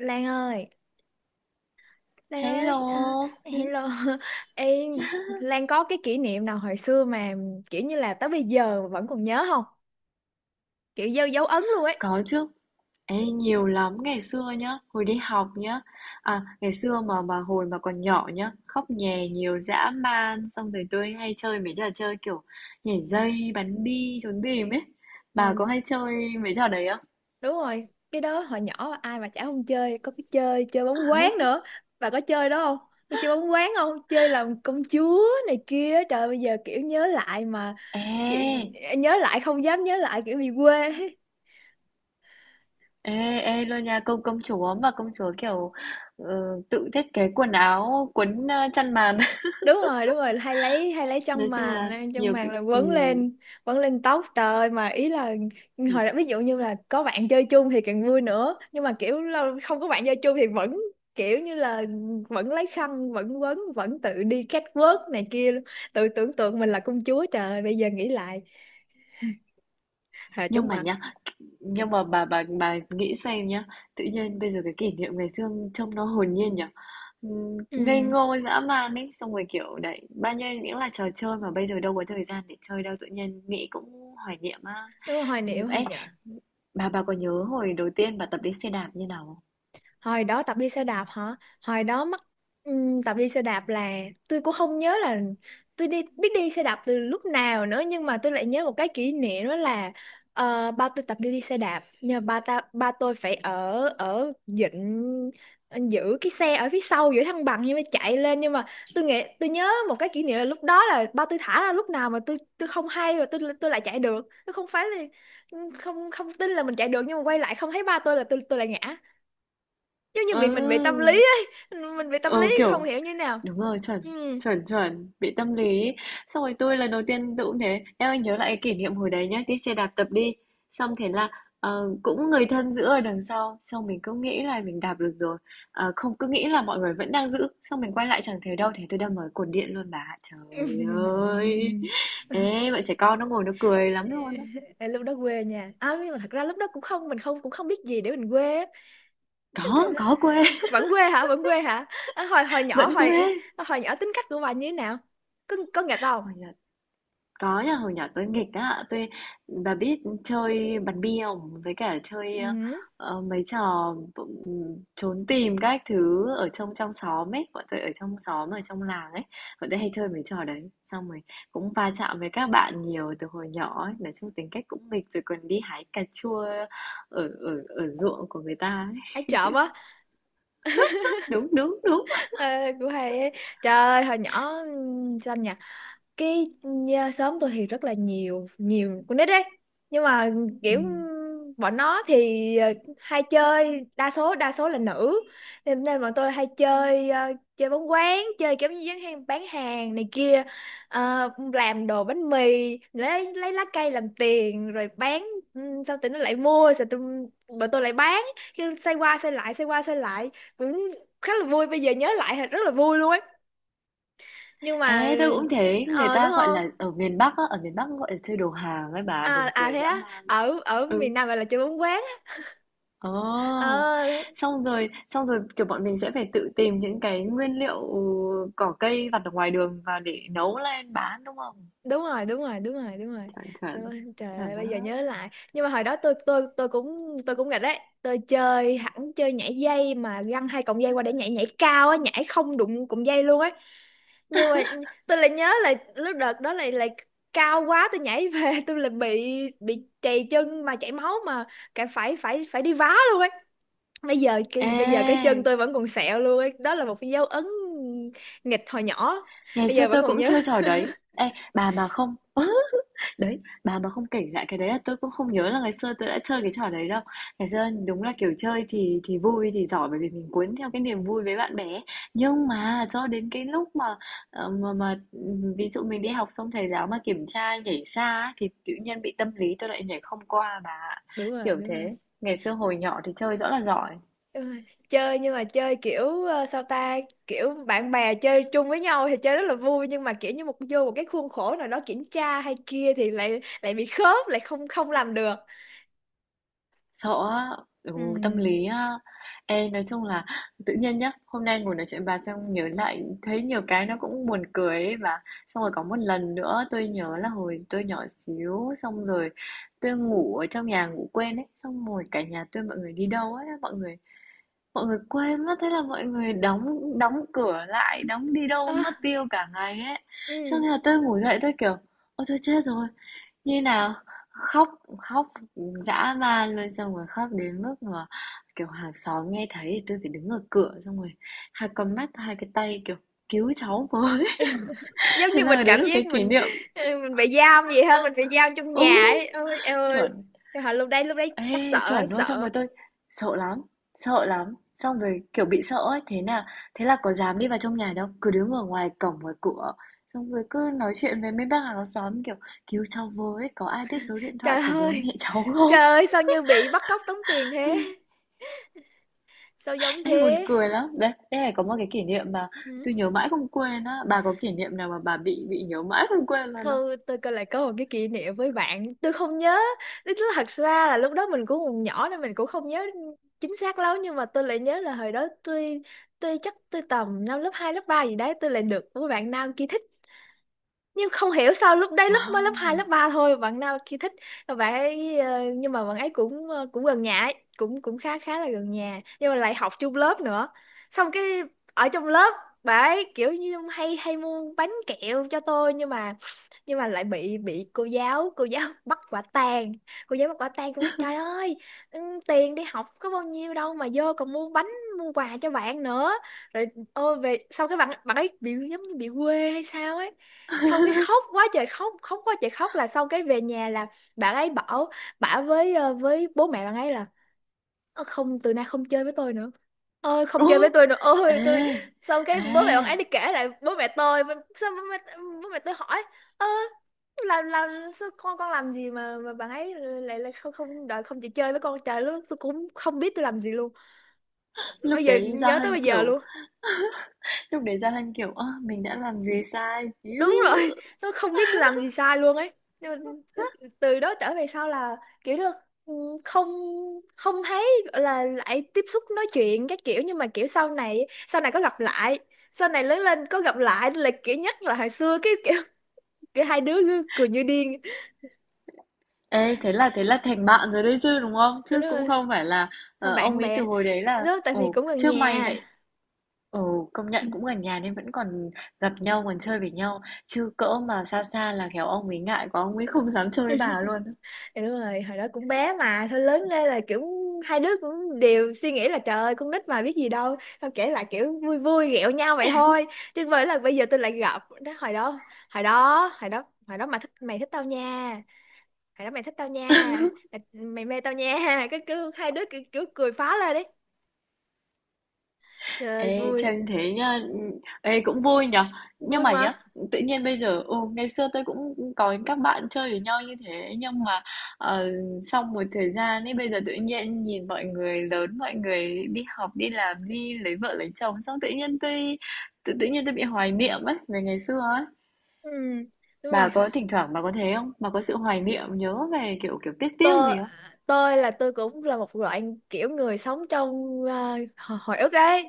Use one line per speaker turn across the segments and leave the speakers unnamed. Lan ơi, Lan ơi, à,
Hello,
hello. Ê, Lan có cái kỷ niệm nào hồi xưa mà kiểu như là tới bây giờ vẫn còn nhớ không? Kiểu dấu dấu ấn luôn ấy.
có chứ. Ê, nhiều lắm ngày xưa nhá, hồi đi học nhá. À, ngày xưa mà hồi mà còn nhỏ nhá, khóc nhè nhiều dã man, xong rồi tôi hay chơi mấy trò chơi kiểu nhảy dây, bắn bi, trốn tìm ấy. Bà có
Ừ,
hay chơi mấy trò đấy không?
đúng rồi, cái đó hồi nhỏ ai mà chả không chơi, có cái chơi chơi bóng quán nữa. Bà có chơi đó không? Có chơi bóng quán không? Chơi làm công chúa này kia. Trời bây giờ kiểu nhớ lại mà kiểu
Ê,
nhớ lại không dám nhớ lại kiểu bị quê.
ê luôn nha, công công chúa mà công chúa kiểu ừ, tự thiết kế quần áo, quấn chăn màn.
Đúng rồi đúng rồi, hay lấy
Nói
chân
chung là
màn, chân
nhiều
màn
cái
là quấn lên, quấn lên tóc trời ơi, mà ý là
ừ,
hồi đó ví dụ như là có bạn chơi chung thì càng vui nữa, nhưng mà kiểu không có bạn chơi chung thì vẫn kiểu như là vẫn lấy khăn vẫn quấn vẫn tự đi catwalk này kia luôn. Tự tưởng tượng mình là công chúa trời ơi, bây giờ nghĩ lại hà
nhưng
chóng
mà
mặt.
nhá nhưng mà bà nghĩ xem nhá, tự nhiên bây giờ cái kỷ niệm ngày xưa trông nó hồn nhiên nhở. Ngây
Ừ,
ngô dã man ấy, xong rồi kiểu đấy bao nhiêu những là trò chơi mà bây giờ đâu có thời gian để chơi đâu, tự nhiên nghĩ cũng hoài niệm á.
đúng rồi, hoài niệm hồi
Ấy,
nhở.
bà có nhớ hồi đầu tiên bà tập đi xe đạp như nào không?
Hồi đó tập đi xe đạp hả? Hồi đó mắc tập đi xe đạp là tôi cũng không nhớ là tôi biết đi xe đạp từ lúc nào nữa, nhưng mà tôi lại nhớ một cái kỷ niệm đó là ba tôi tập đi đi xe đạp, nhờ ba tôi phải ở ở dịnh giữ cái xe ở phía sau giữ thăng bằng, nhưng mà chạy lên, nhưng mà tôi nghĩ tôi nhớ một cái kỷ niệm là lúc đó là ba tôi thả ra lúc nào mà tôi không hay, rồi tôi lại chạy được, tôi không phải là không không tin là mình chạy được, nhưng mà quay lại không thấy ba tôi là tôi lại ngã, giống như bị mình bị tâm
Ừ,
lý ấy, mình bị tâm lý
ừ, kiểu
không hiểu như thế nào.
đúng rồi, chuẩn,
Ừ.
chuẩn, chuẩn, bị tâm lý ấy. Xong rồi tôi lần đầu tiên tôi cũng thế. Em anh nhớ lại cái kỷ niệm hồi đấy nhá, đi xe đạp tập đi. Xong thế là cũng người thân giữ ở đằng sau, xong mình cứ nghĩ là mình đạp được rồi. Không, cứ nghĩ là mọi người vẫn đang giữ, xong mình quay lại chẳng thấy đâu, thế tôi đâm vào cột điện luôn bà. Trời ơi. Ê, bọn trẻ con nó ngồi nó cười lắm luôn á.
Ờ, lúc đó quê nha, à, nhưng mà thật ra lúc đó cũng không, mình không, cũng không biết gì để mình quê á. Nên thật,
Có quê,
ờ, vẫn quê hả, vẫn quê hả? À, hồi hồi nhỏ
vẫn
hồi
quê.
hồi nhỏ tính cách của bà như thế nào, có nghịch không?
Hồi nhỏ Có nha, hồi nhỏ tôi nghịch á, bà biết chơi bắn bi không? Với cả chơi
Ừ.
mấy trò trốn tìm các thứ ở trong trong xóm ấy, bọn tôi ở trong xóm ở trong làng ấy, bọn tôi hay chơi mấy trò đấy. Xong rồi cũng va chạm với các bạn nhiều từ hồi nhỏ ấy, nói chung tính cách cũng nghịch rồi còn đi hái cà chua ở ở ở ruộng của người ta ấy.
Ai trộm quá?
Đúng, đúng, đúng.
Ờ, của hay ấy. Trời ơi hồi nhỏ xanh nhở. Cái nhà, xóm tôi thì rất là nhiều, nhiều con nít đấy, nhưng mà
Ừ.
kiểu bọn nó thì hay chơi, đa số là nữ, nên, nên bọn tôi hay chơi chơi bóng quán, chơi kiểu như bán hàng này kia. Ờ, làm đồ bánh mì, lấy lá cây làm tiền rồi bán. Ừ, sau tụi nó lại mua, sau tụi, bọn tôi lại bán, cứ xoay qua xoay lại xoay qua xoay lại, cũng khá là vui, bây giờ nhớ lại thì rất là vui luôn ấy, nhưng mà
Ê, tôi cũng thấy người
ờ đúng
ta gọi
không,
là ở miền Bắc á, ở miền Bắc gọi là chơi đồ hàng ấy bà,
à
buồn
à
cười
thế
dã
á?
man.
Ở ở
Ừ.
miền Nam gọi là chơi bóng quán.
Ồ,
Ờ,
kiểu, bọn mình sẽ phải tự tìm những cái nguyên liệu cỏ cây vặt ở ngoài đường và để nấu lên bán, đúng không?
đúng rồi
Chuẩn, chuẩn,
đúng rồi. Trời
chuẩn
ơi bây giờ
đó.
nhớ lại, nhưng mà hồi đó tôi cũng nghịch đấy, tôi chơi hẳn chơi nhảy dây mà găng hai cọng dây qua để nhảy nhảy cao á, nhảy không đụng cọng dây luôn ấy, nhưng mà tôi lại nhớ là lúc đợt đó lại lại cao quá tôi nhảy về tôi lại bị trầy chân mà chảy máu, mà cả phải phải phải đi vá luôn ấy. Bây giờ cái, bây giờ cái
Ê,
chân tôi vẫn còn sẹo luôn ấy. Đó là một cái dấu ấn nghịch hồi nhỏ,
ngày
bây
xưa
giờ vẫn
tôi
còn
cũng
nhớ.
chơi trò đấy. Ê, bà mà không. Đấy, bà mà không kể lại cái đấy là tôi cũng không nhớ là ngày xưa tôi đã chơi cái trò đấy đâu. Ngày xưa đúng là, kiểu, chơi thì vui, thì giỏi bởi vì mình cuốn theo cái niềm vui với bạn bè. Nhưng mà cho đến cái lúc mà, ờ, mà mà, ví dụ mình đi học xong thầy giáo mà kiểm tra nhảy xa ấy, thì tự nhiên bị tâm lý tôi lại nhảy không qua bà ạ,
Đúng rồi
kiểu
đúng rồi
thế. Ngày xưa hồi nhỏ thì chơi rõ là giỏi.
đúng rồi. Chơi, nhưng mà chơi kiểu sao ta, kiểu bạn bè chơi chung với nhau thì chơi rất là vui, nhưng mà kiểu như một vô một cái khuôn khổ nào đó kiểm tra hay kia thì lại lại bị khớp lại, không không làm được.
Sợ á, ừ, tâm
Ừm.
lý á. Ê, nói chung là tự nhiên nhá, hôm nay ngồi nói chuyện bà xong nhớ lại thấy nhiều cái nó cũng buồn cười ấy, và xong rồi có một lần nữa tôi nhớ là hồi tôi nhỏ xíu, xong rồi tôi ngủ ở trong nhà ngủ quên ấy, xong rồi cả nhà tôi mọi người đi đâu ấy, mọi người quên mất, thế là mọi người đóng đóng cửa lại, đóng đi
Ơ,
đâu mất tiêu cả ngày ấy. Xong
ừm.
rồi tôi ngủ dậy tôi kiểu ôi tôi chết rồi như nào? Khóc, khóc dã man luôn, xong rồi khóc đến mức mà, kiểu, hàng xóm nghe thấy thì tôi phải đứng ở cửa, xong rồi hai con mắt, hai cái tay, kiểu, cứu cháu với.
Giống
Thế
như mình
là đấy là
cảm
cái
giác
kỷ
mình
niệm,
mình bị giam vậy ha, mình bị giam trong
ừ,
nhà ấy, ôi em
chuẩn.
ơi. Trời ơi, lúc đấy chắc sợ
Ê,
ấy,
chuẩn luôn, xong
sợ
rồi tôi sợ lắm, sợ lắm, xong rồi, kiểu, bị sợ ấy, thế là có dám đi vào trong nhà đâu, cứ đứng ở ngoài cổng, ngoài cửa, xong rồi cứ nói chuyện với mấy bác hàng xóm, kiểu, cứu cháu với, có ai biết số điện thoại
trời
của bố
ơi.
mẹ cháu
Trời
không?
ơi, sao như bị bắt cóc tống tiền thế? Sao giống
Ê, buồn
thế?
cười lắm đấy, đây này có một cái kỷ niệm mà
Ừ.
tôi nhớ mãi không quên á, bà có kỷ niệm nào mà bà bị nhớ mãi không quên luôn không?
Thôi, tôi coi lại có một cái kỷ niệm với bạn. Tôi không nhớ. Tức là thật ra là lúc đó mình cũng còn nhỏ nên mình cũng không nhớ chính xác lắm. Nhưng mà tôi lại nhớ là hồi đó tôi chắc tôi tầm năm lớp 2 lớp 3 gì đấy. Tôi lại được một bạn nam kia thích. Nhưng không hiểu sao lúc đấy lúc mới lớp 2
Wow.
lớp 3 thôi bạn nào kia thích, bạn ấy nhưng mà bạn ấy cũng cũng gần nhà ấy, cũng cũng khá, khá là gần nhà, nhưng mà lại học chung lớp nữa, xong cái ở trong lớp bạn ấy kiểu như hay hay mua bánh kẹo cho tôi, nhưng mà lại bị cô giáo bắt quả tang, cô giáo bắt quả tang, cô nhắc trời ơi, ừ, tiền đi học có bao nhiêu đâu mà vô còn mua bánh, mua quà cho bạn nữa. Rồi ôi về sau cái bạn bạn ấy bị giống như bị quê hay sao ấy, xong cái khóc quá trời khóc, là xong cái về nhà là bạn ấy bảo, bảo với với bố mẹ bạn ấy là, ơ, không từ nay không chơi với tôi nữa, ơi không
Ồ,
chơi với tôi nữa, ôi
ê
tôi, xong cái bố mẹ bạn
ê
ấy đi kể lại bố mẹ tôi, xong bố mẹ tôi hỏi, ơ, làm sao con làm gì mà bạn ấy lại lại không không đợi, không chịu chơi với con, trời lúc đó tôi cũng không biết tôi làm gì luôn,
lúc
bây giờ
đấy Gia
nhớ tới
Hân
bây giờ
kiểu
luôn.
lúc đấy Gia Hân kiểu ơ mình đã làm gì sai Iu.
Đúng rồi, nó không biết làm gì sai luôn ấy, nhưng mà từ đó trở về sau là kiểu là ừ, không, không thấy gọi là lại tiếp xúc nói chuyện các kiểu, nhưng mà kiểu sau này, sau này có gặp lại sau này lớn lên có gặp lại là kiểu nhắc là hồi xưa cái kiểu, kiểu hai đứa cứ cười như điên.
Ê, thế là thành bạn rồi đấy chứ đúng không,
Đúng
chứ cũng
rồi,
không phải là
là
ông
bạn
ấy từ
bè
hồi đấy là
đó tại vì
ồ
cũng gần
chứ mày
nhà.
lại. Ừ, công
Ừ.
nhận cũng gần nhà nên vẫn còn gặp nhau, còn chơi với nhau. Chứ cỡ mà xa xa là khéo ông ấy ngại quá, ông ấy không dám chơi với bà luôn.
Thì đúng rồi, hồi đó cũng bé mà. Thôi lớn lên là kiểu hai đứa cũng đều suy nghĩ là trời ơi con nít mà biết gì đâu. Xong kể lại kiểu vui vui ghẹo nhau vậy thôi. Chứ với là bây giờ tôi lại gặp đó, Hồi đó mà thích, mày thích tao nha, hồi đó mày thích tao nha, Mày mày mê tao nha. Cái cứ hai đứa kiểu, kiểu cười phá lên đấy, trời
Ê,
vui,
chơi như thế nhá, ê cũng vui nhở. Nhưng
vui
mà
mà.
nhá, tự nhiên bây giờ, ngày xưa tôi cũng có các bạn chơi với nhau như thế. Nhưng mà ờ, sau một thời gian ấy, bây giờ tự nhiên nhìn mọi người lớn, mọi người đi học, đi làm, đi lấy vợ, lấy chồng. Xong tự nhiên tôi bị hoài niệm ấy, về ngày xưa ấy.
Ừ, đúng
Bà
rồi,
có thỉnh thoảng bà có thế không? Bà có sự hoài niệm nhớ về kiểu kiểu tiếc tiếc
tôi
gì không?
tôi cũng là một loại kiểu người sống trong à, hồi ức đấy,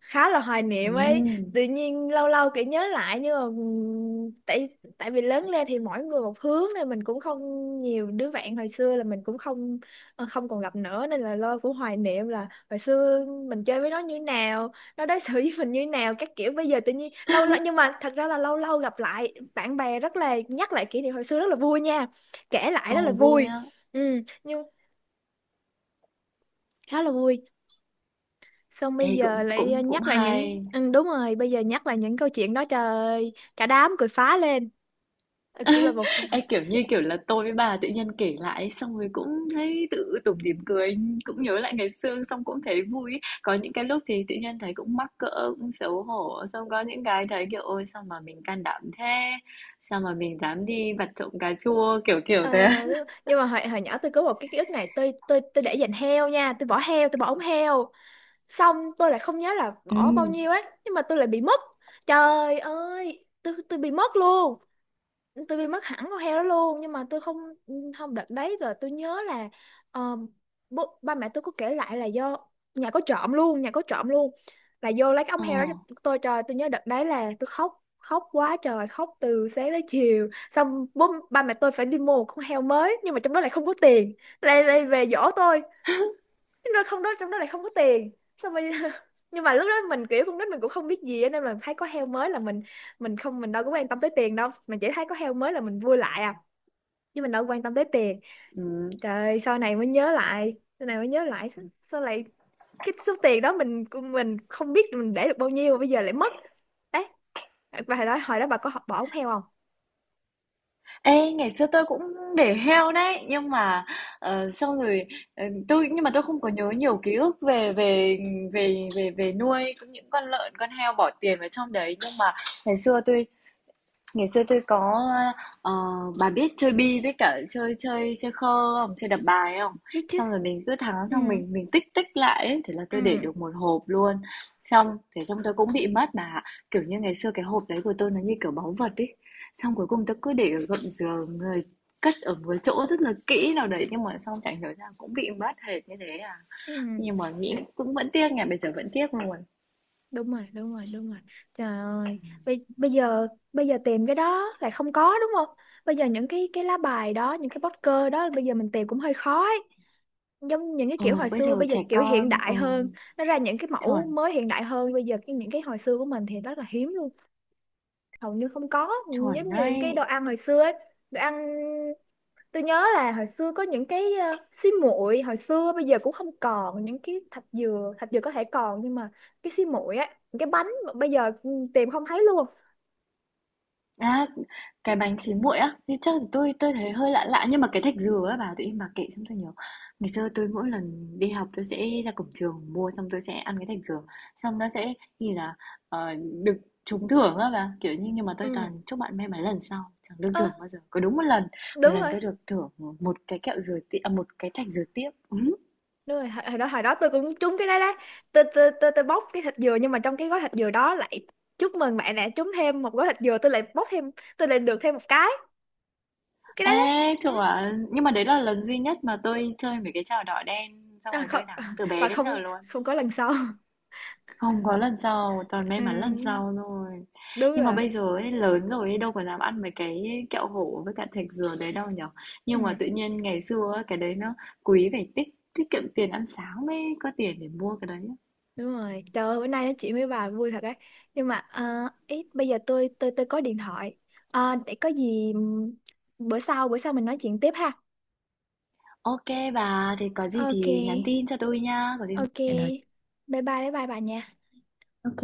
khá là hoài niệm ấy.
Ừm.
Tự nhiên lâu lâu kiểu nhớ lại, nhưng mà tại tại vì lớn lên thì mỗi người một hướng nên mình cũng không, nhiều đứa bạn hồi xưa là mình cũng không không còn gặp nữa, nên là lo cũng hoài niệm là hồi xưa mình chơi với nó như nào, nó đối xử với mình như nào các kiểu, bây giờ tự nhiên lâu lâu, nhưng mà thật ra là lâu lâu gặp lại bạn bè rất là nhắc lại kỷ niệm hồi xưa rất là vui nha, kể lại rất là
Ồ vui
vui.
á.
Ừ, nhưng khá là vui. Xong bây
Ê
giờ
cũng
lại
cũng cũng
nhắc lại những
hay.
ừ, đúng rồi, bây giờ nhắc lại những câu chuyện đó trời ơi, cả đám cười phá lên. Ờ, cũng là một phần.
Ê kiểu như kiểu là tôi với bà tự nhiên kể lại xong rồi cũng thấy tự tủm tỉm cười, cũng nhớ lại ngày xưa xong cũng thấy vui. Có những cái lúc thì tự nhiên thấy cũng mắc cỡ, cũng xấu hổ, xong có những cái thấy kiểu ôi sao mà mình can đảm thế, sao mà mình dám đi vặt trộm cà chua kiểu kiểu
Ờ,
thế.
nhưng mà hồi nhỏ tôi có một cái ký ức này, tôi để dành heo nha, tôi bỏ heo, tôi bỏ ống heo, xong tôi lại không nhớ là
Ừ.
bỏ bao nhiêu ấy, nhưng mà tôi lại bị mất, trời ơi tôi bị mất luôn, tôi bị mất hẳn con heo đó luôn, nhưng mà tôi không không đợt đấy rồi tôi nhớ là ờ, ba mẹ tôi có kể lại là do nhà có trộm luôn, là vô lấy cái ống
Ồ.
heo đó cho tôi, trời tôi nhớ đợt đấy là tôi khóc, khóc quá trời khóc từ sáng tới chiều, xong ba mẹ tôi phải đi mua một con heo mới, nhưng mà trong đó lại không có tiền, lại lại về dỗ tôi, nhưng mà không đó trong đó lại không có tiền, xong rồi nhưng mà lúc đó mình kiểu con nít mình cũng không biết gì á, nên là thấy có heo mới là mình không mình đâu có quan tâm tới tiền đâu, mình chỉ thấy có heo mới là mình vui lại à, chứ mình đâu có quan tâm tới tiền.
Ừ.
Trời sau này mới nhớ lại, sao, sao lại cái số tiền đó mình không biết mình để được bao nhiêu mà bây giờ lại mất. Đấy, và hồi đó, hồi đó bà có bỏ ống heo không?
Ê, ngày xưa tôi cũng để heo đấy nhưng mà xong rồi ờ, tôi nhưng mà tôi không có nhớ nhiều ký ức về về về về về nuôi cũng những con lợn con heo bỏ tiền vào trong đấy nhưng mà ngày xưa tôi ngày xưa tôi có, ờ, bà biết chơi bi với cả chơi chơi chơi khơ không? Chơi đập bài không?
Biết chứ.
Xong rồi mình cứ thắng
ừ
xong mình tích tích lại ấy. Thế là
ừ
tôi để được một hộp luôn. Xong thế xong tôi cũng bị mất mà. Kiểu như ngày xưa cái hộp đấy của tôi nó như kiểu báu vật ý. Xong cuối cùng tôi cứ để ở gầm giường, người cất ở một chỗ rất là kỹ nào đấy nhưng mà xong chẳng hiểu ra cũng bị mất hệt như thế à.
ừ.
Nhưng mà nghĩ cũng vẫn tiếc nhỉ, bây giờ vẫn tiếc luôn.
Đúng rồi đúng rồi, trời ơi bây giờ, tìm cái đó lại không có đúng không, bây giờ những cái lá bài đó, những cái poster đó bây giờ mình tìm cũng hơi khó ấy. Giống những cái
Ừ,
kiểu hồi
bây
xưa,
giờ
bây giờ
trẻ
cái kiểu hiện
con,
đại hơn, nó ra những cái mẫu
chuẩn,
mới hiện đại hơn, bây giờ cái những cái hồi xưa của mình thì rất là hiếm luôn, hầu như không có.
chuẩn
Giống như những cái đồ
đấy.
ăn hồi xưa ấy, đồ ăn tôi nhớ là hồi xưa có những cái xi muội hồi xưa bây giờ cũng không còn, những cái thạch dừa, thạch dừa có thể còn, nhưng mà cái xi muội á, những cái bánh mà bây giờ ừ, tìm không thấy luôn.
À, cái bánh xí muội á, thì chắc là tui tui thấy hơi lạ lạ nhưng mà cái thạch dừa á bà tự nhiên bà kể xong tôi nhớ. Ngày xưa tôi mỗi lần đi học tôi sẽ ra cổng trường mua xong tôi sẽ ăn cái thạch dừa. Xong nó sẽ như là ờ, được trúng thưởng á bà, kiểu như nhưng mà tôi
Ừ.
toàn chúc bạn may mắn lần sau chẳng được
Ơ,
thưởng bao giờ. Có đúng một
đúng
lần
rồi
tôi được thưởng một cái kẹo dừa tiếp à, một cái thạch dừa tiếp. Ừ.
đúng rồi, hồi đó, tôi cũng trúng cái đó đấy, tôi tôi bóc cái thạch dừa, nhưng mà trong cái gói thạch dừa đó lại chúc mừng bạn đã trúng thêm một gói thạch dừa, tôi lại bóc thêm, tôi lại được thêm một cái đấy. Đấy,
Ê,
ừ.
chuẩn. Nhưng mà đấy là lần duy nhất mà tôi chơi mấy cái trò đỏ đen xong
À,
rồi tôi
không, à,
thắng từ bé đến
không,
giờ luôn.
không có lần sau.
Không có lần sau, toàn may mắn lần
Ừ,
sau thôi.
đúng
Nhưng mà
rồi.
bây giờ ấy, lớn rồi ấy, đâu có dám ăn mấy cái kẹo hổ với cả thạch dừa đấy đâu nhở.
Ừ.
Nhưng mà tự nhiên ngày xưa ấy, cái đấy nó quý phải tiết kiệm tiền ăn sáng mới có tiền để mua cái đấy.
Đúng rồi, trời ơi, bữa nay nói chuyện với bà vui thật đấy. Nhưng mà à, ý, bây giờ tôi tôi có điện thoại. À, để có gì bữa sau mình nói chuyện tiếp ha.
Ok bà, thì có gì
Ok,
thì nhắn tin cho tôi nha, có gì không?
ok.
Hẹn nói.
Bye bye bà nha.
Ok.